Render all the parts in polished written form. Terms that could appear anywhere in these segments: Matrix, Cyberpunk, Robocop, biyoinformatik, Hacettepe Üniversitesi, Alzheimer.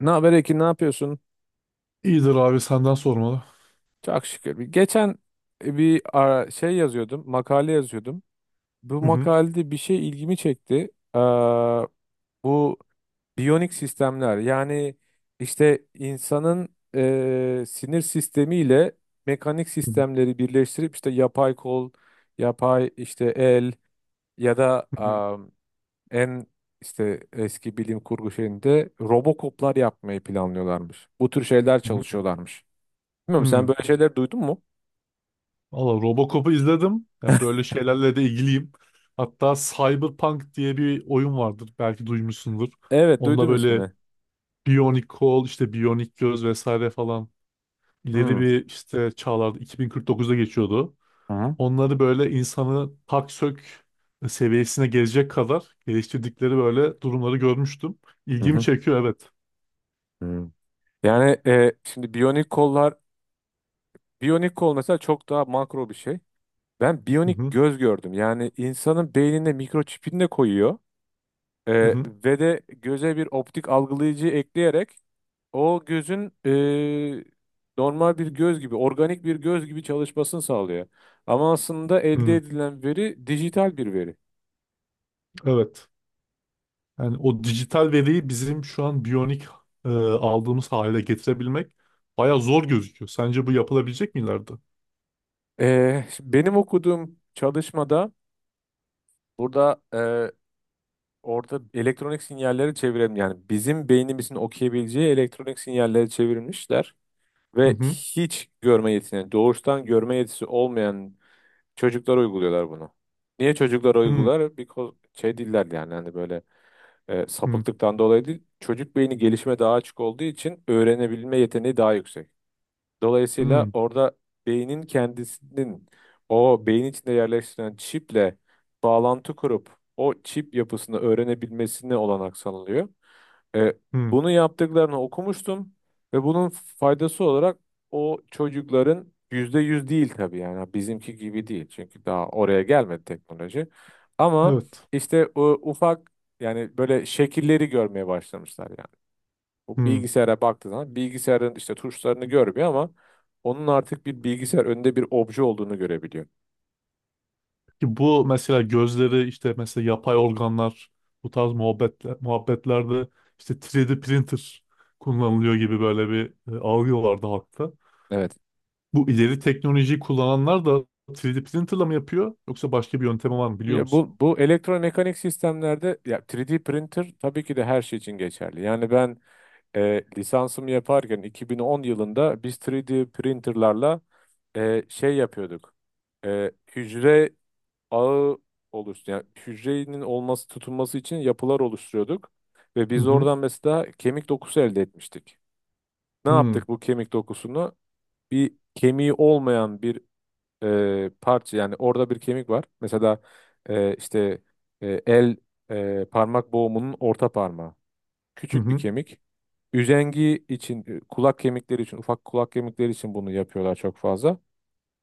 Ne haber Ekin, ne yapıyorsun? İyidir abi senden sormalı. Çok şükür. Geçen bir ara- şey yazıyordum, makale yazıyordum. Bu Hı hı. makalede bir şey ilgimi çekti. Ee, bu biyonik sistemler, yani işte insanın sinir sistemiyle mekanik Hı hı. sistemleri birleştirip işte yapay kol, yapay işte el ya da Hı en işte eski bilim kurgu şeyinde robokoplar yapmayı planlıyorlarmış. Bu tür şeyler hı. çalışıyorlarmış. Bilmiyorum, sen Hı. böyle şeyler duydun mu? Valla Robocop'u izledim. Ya böyle şeylerle de ilgiliyim. Hatta Cyberpunk diye bir oyun vardır. Belki duymuşsundur. Evet, Onda duydum böyle ismini. biyonik kol, işte biyonik göz vesaire falan ileri Hmm. bir işte çağlarda 2049'da geçiyordu. Hı hı. Onları böyle insanı tak sök seviyesine gelecek kadar geliştirdikleri böyle durumları görmüştüm. Hı İlgimi hı. çekiyor, evet. Yani şimdi biyonik kollar, biyonik kol mesela çok daha makro bir şey. Ben Hı biyonik hı. göz gördüm. Yani insanın beynine mikroçipini de koyuyor. E, Hı hı. ve de göze bir optik algılayıcı ekleyerek o gözün normal bir göz gibi, organik bir göz gibi çalışmasını sağlıyor. Ama aslında elde Hı. edilen veri dijital bir veri. Evet. Yani o dijital veriyi bizim şu an biyonik aldığımız hale getirebilmek baya zor gözüküyor. Sence bu yapılabilecek mi ileride? Şimdi benim okuduğum çalışmada, burada, orada elektronik sinyalleri çevirelim. Yani bizim beynimizin okuyabileceği elektronik sinyalleri çevirmişler Hı ve hı. hiç görme yetisine, doğuştan görme yetisi olmayan çocuklara uyguluyorlar bunu. Niye çocuklara Hı uygular? Because şey değiller, yani hani böyle hı. sapıklıktan dolayı değil. Çocuk beyni gelişime daha açık olduğu için öğrenebilme yeteneği daha yüksek. Dolayısıyla Hı orada beynin kendisinin, o beyin içinde yerleştirilen çiple bağlantı kurup o çip yapısını öğrenebilmesine olanak sağlanıyor. E, hı. bunu yaptıklarını okumuştum ve bunun faydası olarak o çocukların, %100 değil tabii, yani bizimki gibi değil. Çünkü daha oraya gelmedi teknoloji. Ama Evet. işte o ufak, yani böyle şekilleri görmeye başlamışlar yani. Bu Hı. bilgisayara baktığı zaman bilgisayarın işte tuşlarını görmüyor ama onun artık bir bilgisayar önünde bir obje olduğunu görebiliyor. Ki bu mesela gözleri, işte mesela yapay organlar, bu tarz muhabbetle, muhabbetlerde işte 3D printer kullanılıyor gibi böyle bir algı vardı halkta. Evet. Bu ileri teknolojiyi kullananlar da 3D printerla mı yapıyor yoksa başka bir yöntemi var mı biliyor Ya, musun? bu elektromekanik sistemlerde, ya 3D printer tabii ki de her şey için geçerli. Yani ben lisansımı yaparken 2010 yılında biz 3D printerlarla şey yapıyorduk. Hücre ağı oluştu. Yani hücrenin olması, tutunması için yapılar oluşturuyorduk ve Hı biz hı. oradan mesela kemik dokusu elde etmiştik. Ne Hı yaptık bu kemik dokusunu? Bir kemiği olmayan bir parça, yani orada bir kemik var. Mesela işte el parmak boğumunun orta parmağı. hı. Küçük bir Hı. kemik. Üzengi için, kulak kemikleri için, ufak kulak kemikleri için bunu yapıyorlar çok fazla.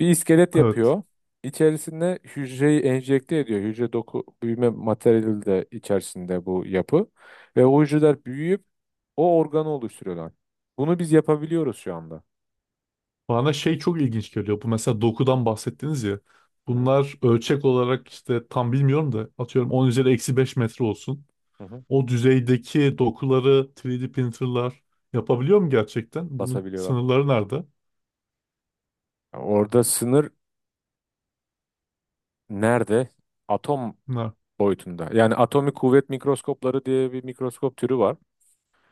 Bir iskelet Evet. yapıyor. İçerisinde hücreyi enjekte ediyor. Hücre doku büyüme materyali de içerisinde bu yapı. Ve o hücreler büyüyüp o organı oluşturuyorlar. Bunu biz yapabiliyoruz şu anda. Bana şey çok ilginç geliyor. Bu mesela dokudan bahsettiniz ya. Hı Bunlar ölçek olarak işte tam bilmiyorum da, atıyorum 10 üzeri eksi 5 metre olsun. hı. O düzeydeki dokuları 3D printerlar yapabiliyor mu gerçekten? Bunun Basabiliyorlar. sınırları nerede? Orada sınır nerede? Atom Bunlar. boyutunda. Yani atomik kuvvet mikroskopları diye bir mikroskop türü var.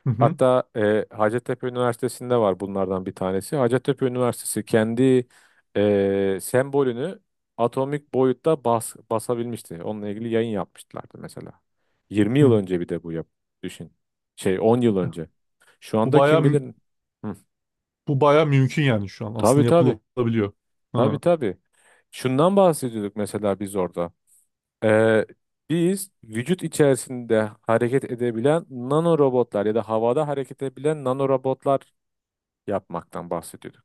Hı hı. Hatta Hacettepe Üniversitesi'nde var bunlardan bir tanesi. Hacettepe Üniversitesi kendi sembolünü atomik boyutta basabilmişti. Onunla ilgili yayın yapmışlardı mesela. 20 yıl Hı. önce bir de bu düşün. Şey, 10 yıl önce. Şu Bu anda kim baya bilir? Hı. bu baya mümkün yani şu an. Tabii, Aslında tabii. yapılabiliyor. Tabii, Ha. tabii. Şundan bahsediyorduk mesela biz orada. Ee, biz vücut içerisinde hareket edebilen nano robotlar ya da havada hareket edebilen nano robotlar yapmaktan bahsediyorduk.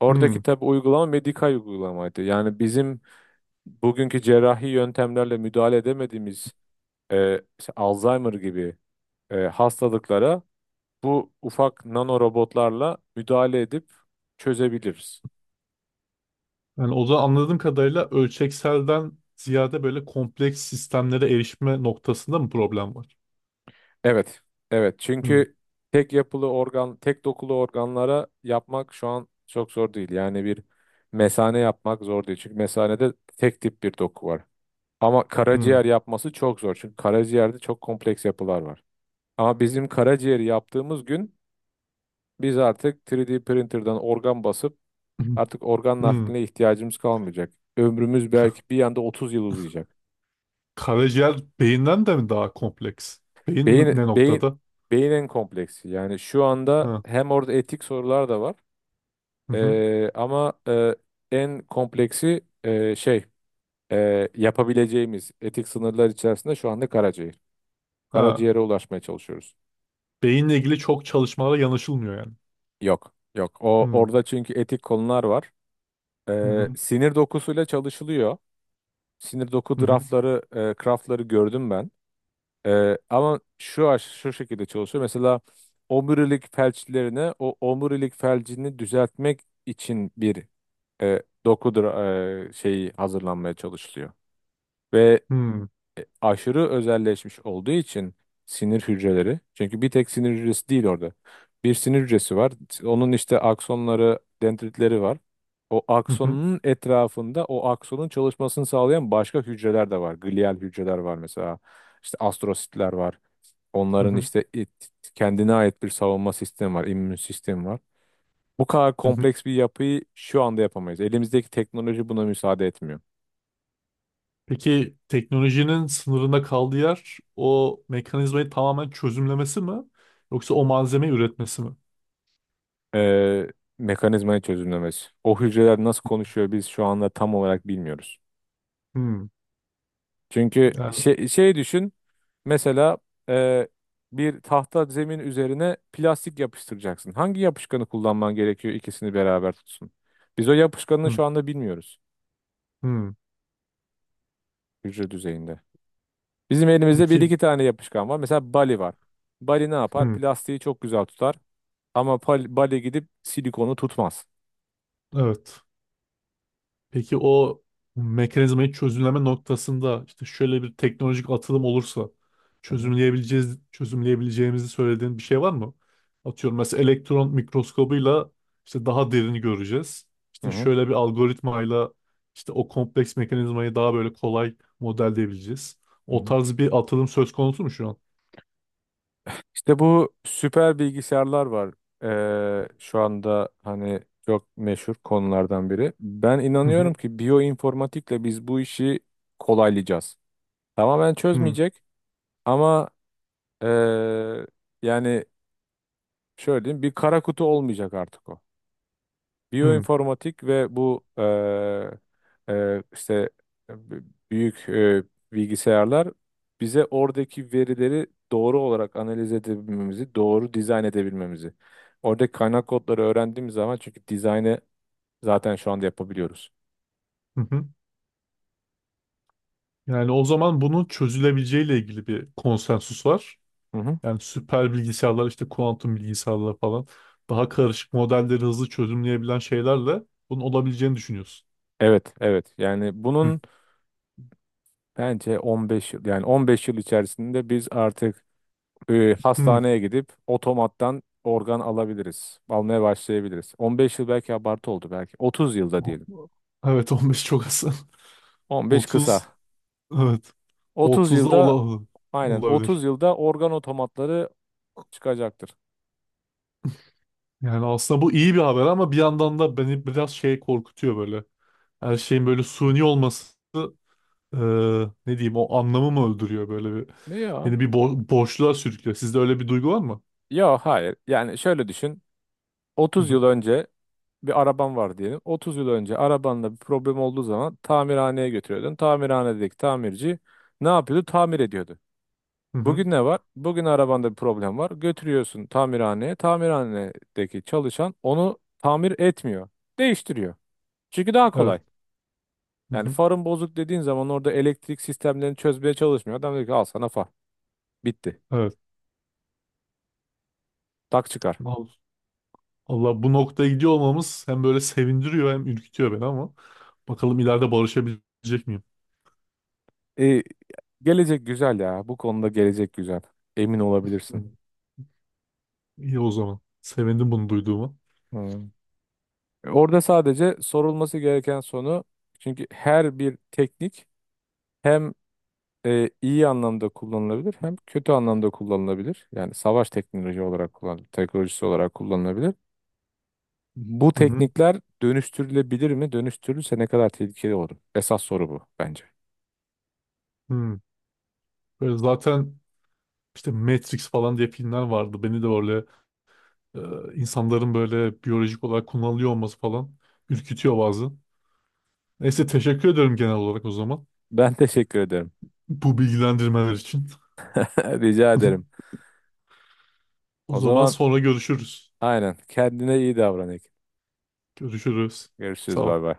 Oradaki Hı. tabii uygulama medikal uygulamaydı. Yani bizim bugünkü cerrahi yöntemlerle müdahale edemediğimiz, işte Alzheimer gibi hastalıklara bu ufak nano robotlarla müdahale edip çözebiliriz. Yani o da anladığım kadarıyla ölçekselden ziyade böyle kompleks sistemlere erişme noktasında mı problem var? Evet. Evet. Hı. Çünkü tek yapılı organ, tek dokulu organlara yapmak şu an çok zor değil. Yani bir mesane yapmak zor değil. Çünkü mesanede tek tip bir doku var. Ama Hı. karaciğer yapması çok zor. Çünkü karaciğerde çok kompleks yapılar var. Ama bizim karaciğeri yaptığımız gün biz artık 3D printer'dan organ basıp Hı. artık organ Hı. nakline ihtiyacımız kalmayacak. Ömrümüz belki bir anda 30 yıl uzayacak. Karaciğer beyinden de mi daha kompleks? Ne Beyin, beyin, noktada? beyin, en kompleksi. Yani şu anda Ha. hem orada etik sorular da var. Hı hı. Ama en kompleksi, şey, yapabileceğimiz etik sınırlar içerisinde şu anda karaciğer. Ha. Karaciğere ulaşmaya çalışıyoruz. Beyinle ilgili çok çalışmalara yanaşılmıyor yani. Yok, yok. O Hı. orada çünkü etik konular var. Hı Ee, hı. sinir dokusuyla çalışılıyor. Sinir doku Hı hı. Craftları gördüm ben. Ama şu şekilde çalışıyor. Mesela omurilik felçlerine, o omurilik felcini düzeltmek için bir doku şeyi hazırlanmaya çalışılıyor. Ve Hı. aşırı özelleşmiş olduğu için sinir hücreleri. Çünkü bir tek sinir hücresi değil orada. Bir sinir hücresi var. Onun işte aksonları, dendritleri var. O Hı hı. aksonun etrafında o aksonun çalışmasını sağlayan başka hücreler de var. Glial hücreler var mesela. İşte astrositler var. Hı Onların hı. işte kendine ait bir savunma sistemi var, immün sistemi var. Bu kadar Hı. kompleks bir yapıyı şu anda yapamayız. Elimizdeki teknoloji buna müsaade etmiyor. Peki teknolojinin sınırında kaldığı yer o mekanizmayı tamamen çözümlemesi mi? Yoksa o malzemeyi üretmesi mi? e, mekanizmayı çözümlemesi. O hücreler nasıl konuşuyor, biz şu anda tam olarak bilmiyoruz. Hı. Çünkü Yani. Düşün mesela, e, bir tahta zemin üzerine plastik yapıştıracaksın. Hangi yapışkanı kullanman gerekiyor, ikisini beraber tutsun? Biz o yapışkanını Hı. şu anda bilmiyoruz Hı. hücre düzeyinde. Bizim elimizde bir Peki. iki tane yapışkan var. Mesela Bali var. Bali ne yapar? Hı. Plastiği çok güzel tutar ama Bali gidip silikonu tutmaz. Evet. Peki o mekanizmayı çözümleme noktasında işte şöyle bir teknolojik atılım olursa Hı hı. çözümleyebileceğiz, çözümleyebileceğimizi söylediğin bir şey var mı? Atıyorum mesela elektron mikroskobuyla işte daha derini göreceğiz. Hı İşte hı. şöyle bir algoritmayla işte o kompleks mekanizmayı daha böyle kolay modelleyebileceğiz. Hı O hı. tarz bir atılım söz konusu mu şu an? İşte bu süper bilgisayarlar var. Şu anda hani çok meşhur konulardan biri. Ben Hı inanıyorum hı. ki biyoinformatikle biz bu işi kolaylayacağız. Tamamen Hı çözmeyecek ama ee, yani şöyle diyeyim, bir kara kutu olmayacak artık o. hı. Biyoinformatik ve bu işte, e, b- büyük bilgisayarlar bize oradaki verileri doğru olarak analiz edebilmemizi, doğru dizayn edebilmemizi. Oradaki kaynak kodları öğrendiğimiz zaman, çünkü dizaynı zaten şu anda yapabiliyoruz. Hı hı. Yani o zaman bunun çözülebileceğiyle ilgili bir konsensus var. Hı hı. Yani süper bilgisayarlar, işte kuantum bilgisayarlar falan, daha karışık modelleri hızlı çözümleyebilen şeylerle bunun olabileceğini düşünüyorsun. Evet, evet. Yani Hı. bunun bence 15 yıl, yani 15 yıl içerisinde biz artık Hı. hastaneye gidip otomattan organ alabiliriz. Almaya başlayabiliriz. 15 yıl belki abartı oldu belki. 30 yılda diyelim. Evet. 15 çok az. 15 30, kısa. evet. 30 30'da yılda, ola aynen, 30 olabilir. yılda organ otomatları çıkacaktır. Yani aslında bu iyi bir haber ama bir yandan da beni biraz şey korkutuyor böyle. Her şeyin böyle suni olması, e, ne diyeyim, o anlamı mı öldürüyor, böyle bir, Ne ya? beni bir boşluğa sürüklüyor. Sizde öyle bir duygu var mı? Ya, hayır. Yani şöyle düşün, Hı 30 hı. yıl önce bir araban var diyelim. 30 yıl önce arabanla bir problem olduğu zaman tamirhaneye götürüyordun. Tamirhanedeki tamirci ne yapıyordu? Tamir ediyordu. Hı hı. Bugün ne var? Bugün arabanda bir problem var. Götürüyorsun tamirhaneye. Tamirhanedeki çalışan onu tamir etmiyor. Değiştiriyor. Çünkü daha Evet. kolay. Hı Yani hı. farın bozuk dediğin zaman orada elektrik sistemlerini çözmeye çalışmıyor. Adam diyor ki al sana far. Bitti. Evet. Tak çıkar. Allah, bu noktaya gidiyor olmamız hem böyle sevindiriyor hem ürkütüyor beni, ama bakalım ileride barışabilecek miyim? E, gelecek güzel ya. Bu konuda gelecek güzel. Emin olabilirsin. Hı. İyi o zaman. Sevindim bunu duyduğuma. Hmm. Orada sadece sorulması gereken sonu, çünkü her bir teknik hem iyi anlamda kullanılabilir hem kötü anlamda kullanılabilir. Yani savaş teknoloji olarak kullan teknolojisi olarak kullanılabilir. Bu Hı hı. teknikler dönüştürülebilir mi? Dönüştürülürse ne kadar tehlikeli olur? Esas soru bu bence. Hı. Böyle zaten işte Matrix falan diye filmler vardı. Beni de böyle insanların böyle biyolojik olarak kullanılıyor olması falan ürkütüyor bazı. Neyse, teşekkür ederim genel olarak o zaman. Ben teşekkür ederim. Bu bilgilendirmeler için. Rica ederim. O O zaman zaman sonra görüşürüz. aynen kendine iyi davran Ekin. Görüşürüz. Sağ Görüşürüz, bay ol. bay.